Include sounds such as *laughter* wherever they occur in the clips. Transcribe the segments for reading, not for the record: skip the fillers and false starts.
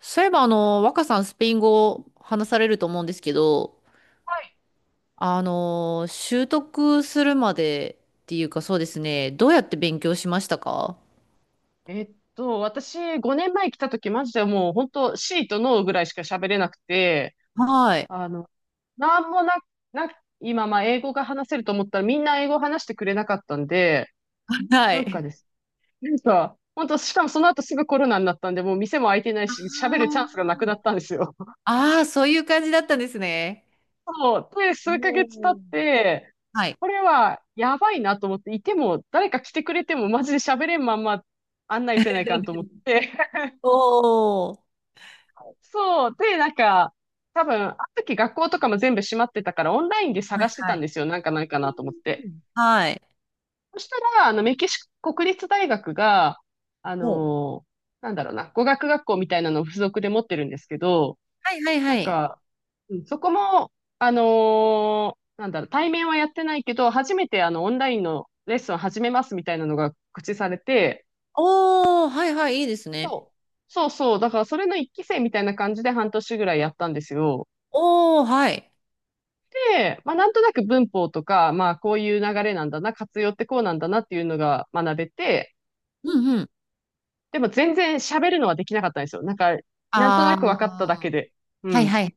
そういえば、若さんスペイン語話されると思うんですけど、はい。習得するまでっていうかそうですね、どうやって勉強しましたか？私、5年前来た時、マジでもう、本当シーとノーぐらいしか喋れなくて、はい。あの、なんもな、な、今、まあ、英語が話せると思ったら、みんな英語話してくれなかったんで、はなんかい。です。なんか、本当しかもその後すぐコロナになったんで、もう店も開いてないあし、喋るチャンスがなくなー、ったんですよ。*laughs* ああ、そういう感じだったんですね。そう。で、数ヶお月経っー、て、はい。これはやばいなと思って、いても、誰か来てくれても、マジで喋れんまんま案内せないかんと思っ *laughs* て、おー。そう。で、なんか、多分、あの時学校とかも全部閉まってたから、オンラインでは探いしてたはんい。ですよ。なんかないかなと思っうて。ん、はい。そしたら、メキシコ国立大学が、あおー、のーなんだろうな、語学学校みたいなのを付属で持ってるんですけど、はいはいなはんい。か、うんそこも、あのーなんだろう、対面はやってないけど、初めてオンラインのレッスンを始めますみたいなのが告知されて、おー、はいはい、いいですね。そう、そうそう、だからそれの一期生みたいな感じで半年ぐらいやったんですよ。おー、はい。で、まあ、なんとなく文法とか、まあ、こういう流れなんだな、活用ってこうなんだなっていうのが学べて、うんうん。でも全然喋るのはできなかったんですよ。なんか、なんとなあく分かっただけあ、で。うはいん。はい。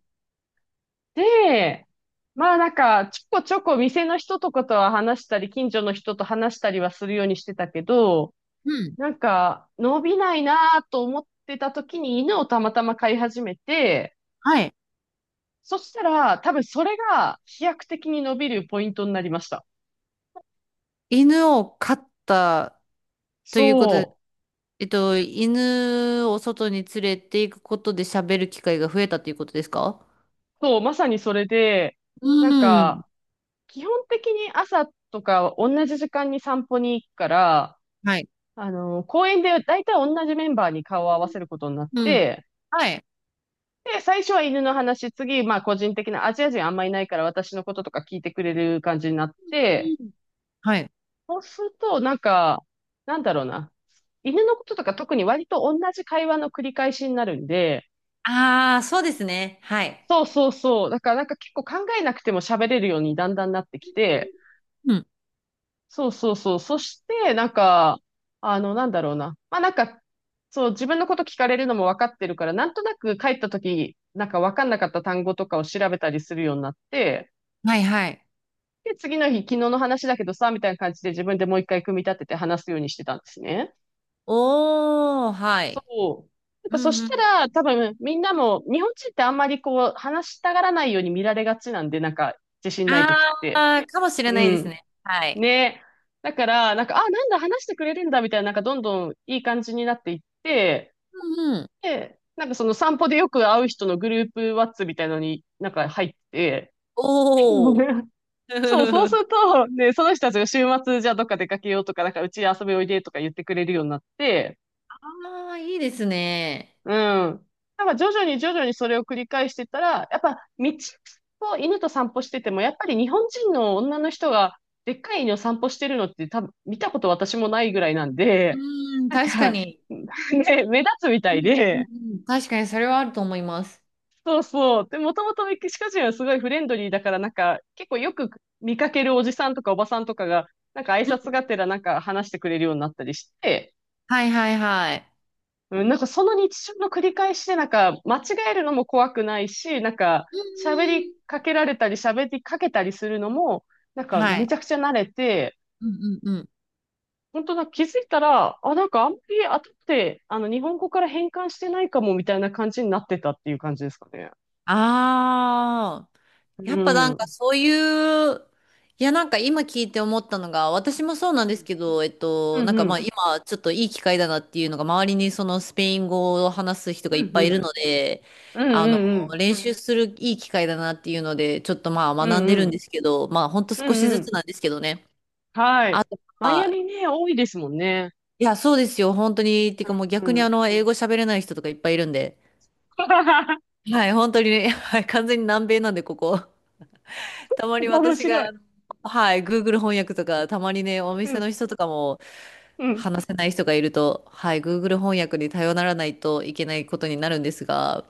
で、まあなんか、ちょこちょこ店の人とかとは話したり、近所の人と話したりはするようにしてたけど、なんか、伸びないなと思ってた時に犬をたまたま飼い始めて、はい。そしたら、多分それが飛躍的に伸びるポイントになりました。犬を飼ったということで、そう。犬を外に連れて行くことで喋る機会が増えたということですか？そう、まさにそれで、なんうん。か、基本的に朝とか同じ時間に散歩に行くから、はい。公園で大体同じメンバーに顔を合わせることになっうん。て、はい。で、最初は犬の話、次、まあ個人的なアジア人あんまいないから私のこととか聞いてくれる感じになって、うん、はい。そうすると、なんか、なんだろうな。犬のこととか特に割と同じ会話の繰り返しになるんで、ああー、そうですね。はい。そうそうそう。だからなんか結構考えなくても喋れるようにだんだんなってきて、うん。そうそうそう。そして、なんか、なんだろうな。まあなんか、そう、自分のこと聞かれるのも分かってるから、なんとなく帰った時、なんか分かんなかった単語とかを調べたりするようになって、はいはい。で、次の日、昨日の話だけどさ、みたいな感じで自分でもう一回組み立てて話すようにしてたんですね。おー、はそい。う。やっうぱそんしうたん。ら、多分みんなも、日本人ってあんまりこう、話したがらないように見られがちなんで、なんか、自信ない時って。ああ、かもしれうないですん。ね。はい。ね。だから、なんか、あ、なんだ、話してくれるんだ、みたいな、なんか、どんどんいい感じになっていって、うんうん。で、なんか、その散歩でよく会う人のグループワッツみたいのになんか入って、おー。*laughs* そう、そうす *laughs* ると、ね、その人たちが週末、じゃあどっか出かけようとか、なんか、うち遊びおいでとか言ってくれるようになって、ああ、いいですね。うん。なんか、徐々に徐々にそれを繰り返してたら、やっぱ、道を犬と散歩してても、やっぱり日本人の女の人が、でっかい犬を散歩してるのって多分見たこと私もないぐらいなんで、うん、なん確かか、に。ね、*laughs* 目立つみたいうんで、うん、確かにそれはあると思います。そうそう。で、もともとメキシコ人はすごいフレンドリーだから、なんか、結構よく見かけるおじさんとかおばさんとかが、なんか挨う拶ん、がてらなんか話してくれるようになったりして、はいはいはい。うん、なんかその日常の繰り返しで、なんか、間違えるのも怖くないし、なんか、う喋りかけられたり、喋りかけたりするのも、なんん、か、はめい。ちゃくちゃ慣れて、うんうんうん。本当だ、気づいたら、あ、なんかあんまり後って、日本語から変換してないかも、みたいな感じになってたっていう感じですかね。ああ、うやっぱなん。うんかんそういう、いや、なんか今聞いて思ったのが、私もそうなんですけど、うなんかまあん。今ちょっといい機会だなっていうのが、周りにそのスペイン語を話す人うがん。いっうぱんいういるん。ので、うあの、んうん。練習するいい機会だなっていうので、ちょっとまあう学んんでうるんん。ですけど、まあほんとう少しんうずつん。なんですけどね。はあい。とマイアはミね、多いですもんね。いや、そうですよ。本当に。っていううかん。もうう逆にん。英語喋れない人とかいっぱいいるんで。*laughs* はい、本当にね、*laughs* はい、完全に南米なんで、ここ。*laughs* たまに面私白い。が、はい、Google 翻訳とか、たまにね、おう店ん。の人とかもうん。話せない人がいると、はい、Google 翻訳に頼らないといけないことになるんですが、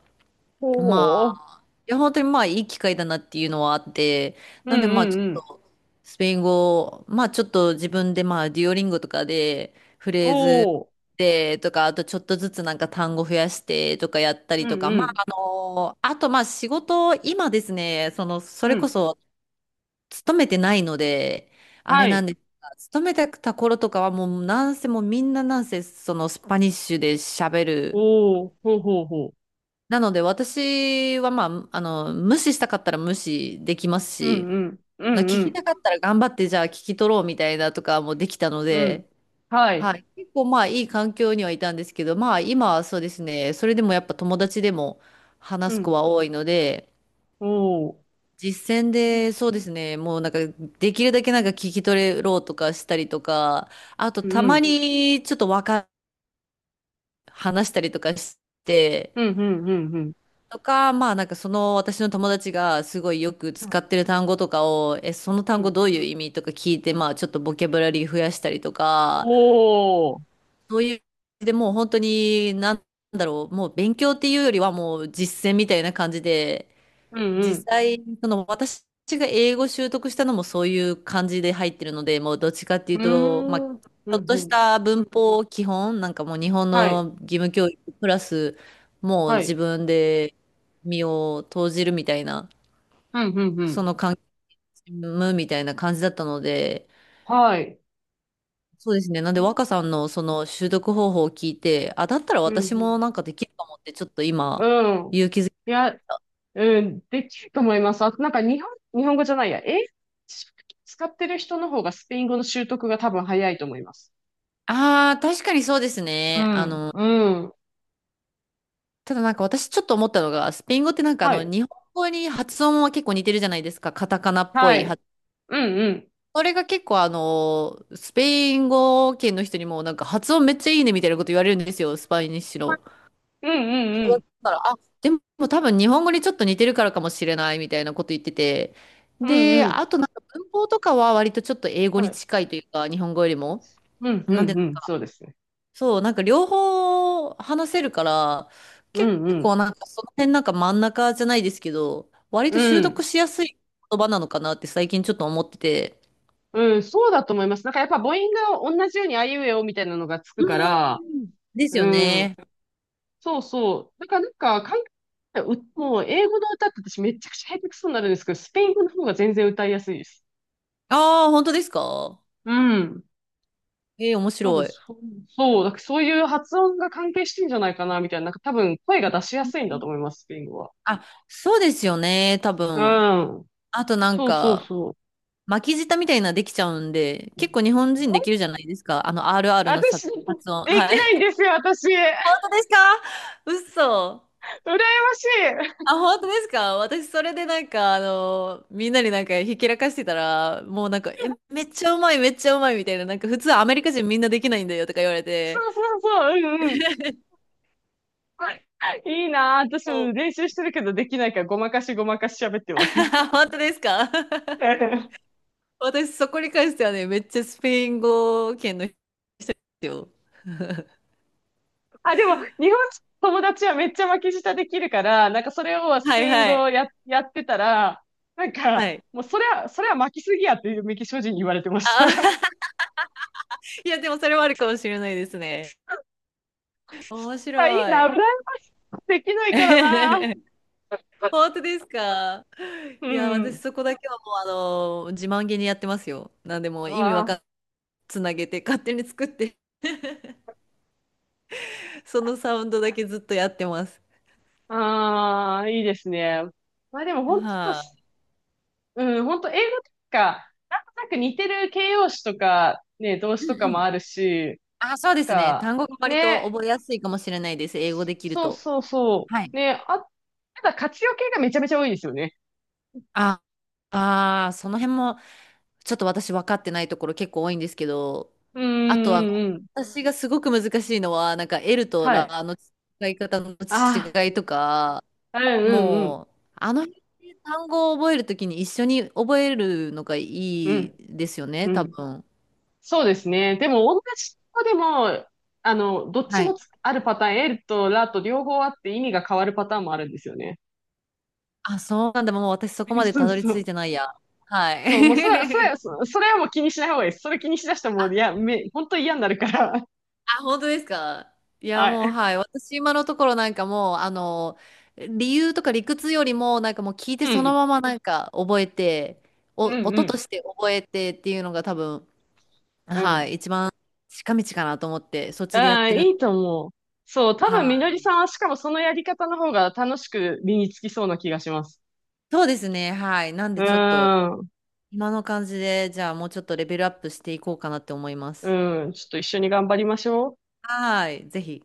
おまお。いや、本当にまあいい機会だなっていうのはあって、うんなんでまあうちんょっうん。とスペイン語、まあちょっと自分でまあデュオリンゴとかでフおレーズお。でとか、あとちょっとずつなんか単語増やしてとかやったりうとんか、うまん。ああとまあ仕事、今ですね、その、そうれこん。そ勤めてないので、あはれなんい。ですが、勤めてた頃とかはもうなんせもうみんななんせそのスパニッシュで喋る。おお。ほうほうほなので私はまあ、無視したかったら無視できますう。うし、んうん。うまあん聞うきん。たかったら頑張ってじゃあ聞き取ろうみたいなとかもできたのうん。で、ははい。い。結構まあいい環境にはいたんですけど、まあ今はそうですね、それでもやっぱ友達でもう話す子ん。は多いので、おお。実践うんでそうですね、もうなんかできるだけなんか聞き取ろうとかしたりとか、あとうたまん。にちょっとわか、話したりとかして、うんうんうんうん。とか、まあなんかその私の友達がすごいよく使ってる単語とかを、え、そのう単語ん。どういう意味とか聞いて、まあちょっとボキャブラリー増やしたりとおか、お。そういう、でもう本当になんだろう、もう勉強っていうよりはもう実践みたいな感じで、うんう実ん。際、その私が英語習得したのもそういう感じで入ってるので、もうどっちかっていううーと、まあ、ちん。うんうょっとしん。た文法基本、なんかもう日本はい。の義務教育プラス、もうは自い。分で身を投じるみたいな、うん、うん、うそん。の関係むみたいな感じだったので、はい。そうですね。なんでうん、若さんのその習得方法を聞いて、あ、だったらう私もん。なんかできるかもって、ちょっと今、うん。勇気づけいや、うん、できると思います。あとなんか日本、日本語じゃないや。英語使ってる人の方がスペイン語の習得が多分早いと思います。ああ、確かにそうですうね。あん、のうん。ただなんか私ちょっと思ったのが、スペイン語ってなんかはい。日本語に発音は結構似てるじゃないですか。カタカナっぽはいい。発。うん、うん。それが結構スペイン語圏の人にもなんか発音めっちゃいいねみたいなこと言われるんですよ、スパイニッシュの。うんうんうん。だから、あ、でも多分日本語にちょっと似てるからかもしれないみたいなこと言ってて。うで、んうん。あとなんか文法とかは割とちょっと英語はにい。近いというか、日本語よりも。うんうなんでんうん。そうですね。そう、なんか両方話せるから、う結んう結ん。構なんかその辺なんか真ん中じゃないですけど、割うと習得ん。しやすい言葉なのかなって最近ちょっと思ってて。うん、そうだと思います。なんかやっぱ母音が同じようにあいうえおみたいなのがつくかうら、ん。ですうよん。ね。そうそう。だからなんか、海外う、もう英語の歌って私めちゃくちゃ下手くそになるんですけど、スペイン語の方が全然歌いやすいです。ああ、本当ですか？うん。ええ、面多分白い。そう、そう、だからそういう発音が関係してんじゃないかな、みたいな。なんか多分声が出しやうん、すいんだと思います、スペイン語は。あ、そうですよね、多う分。ん。あとなんそうそうか、そう。巻き舌みたいなできちゃうんで、結構日本人できるじゃないですか。RR のさ私、で発音。はきい。ないん *laughs* ですよ、私。羨本当ですか？嘘。ましい。あ、本当ですか？私、それでなんか、みんなになんか、ひけらかしてたら、もうなんか、え、めっちゃうまい、めっちゃうまい、みたいな、なんか、普通アメリカ人みんなできないんだよ、とか言われそて。うそうそう、うんうん。いいなぁ。私お も練習してるけどできないからごまかしごまかし喋ってます。*laughs* 本当ですか？ *laughs* *laughs* 私、そこに関してはね、めっちゃスペイン語圏の人ですよ。あ、でも、日本友達はめっちゃ巻き舌できるから、なんかそれをスはいペインは語をい。やってたら、なんはか、い。もうそれは、それは巻きすぎやっていうメキシコ人に言われてましあ、た。*laughs* *laughs* いや、でもそれはあるかもしれないですね。面白あ、いいな、フラい。ンスできないからな。*laughs* 本当ですか？ういや、私ん。そこだけはもう、自慢げにやってますよ。なんでもう意味わかわんつなげて勝手に作ってそのサウンドだけずっとやってます。あ、ああ、いいですね。まあでも本当は、はうん、本当英語とか、なんとなく似てる形容詞とか、ね、動詞い、とうかんうもん。あるし、あ、そうですね。か、単語が割とね、覚えやすいかもしれないです。英語できるそうと。そうそはい。う。ね、あ、ただ活用系がめちゃめちゃ多いですよね。あ、あー、その辺もちょっと私分かってないところ結構多いんですけど、うんあとうんうんうん。私がすごく難しいのは、なんか L とはい。ラの使い方のあ違いとか、あ、うんうんもう、あの辺で単語を覚えるときに一緒に覚えるのがいういん。ですよね、うん、う多ん。分。そうですね。でも、同じ子でも、どっちはもい、つあるパターン、L とラと両方あって意味が変わるパターンもあるんですよね。あ、そうなんだ。もう私そこまでそたうどりそ着いう。てないや。はそう、もうそれは、それは、い。そ *laughs* それはもう気にしない方がいいです。それ気にしだしたらもう、いや、あ、本当に嫌になるから。*laughs* あ、本当ですか？いや、はもう、い。はい。私、今のところなんかもう、理由とか理屈よりも、なんかもう聞いうてそのん。ままなんか覚えて、お、うんう音とん。して覚えてっていうのが多分、うはん。い、一番近道かなと思って、そっあちでやっあ、ている。いと思う。そう、多は分みのりい。さんはしかもそのやり方の方が楽しく身につきそうな気がします。そうですね。はい。なんうでーちょっと、ん、今の感じで、じゃあもうちょっとレベルアップしていこうかなって思います。うん、ちょっと一緒に頑張りましょう。はい。ぜひ。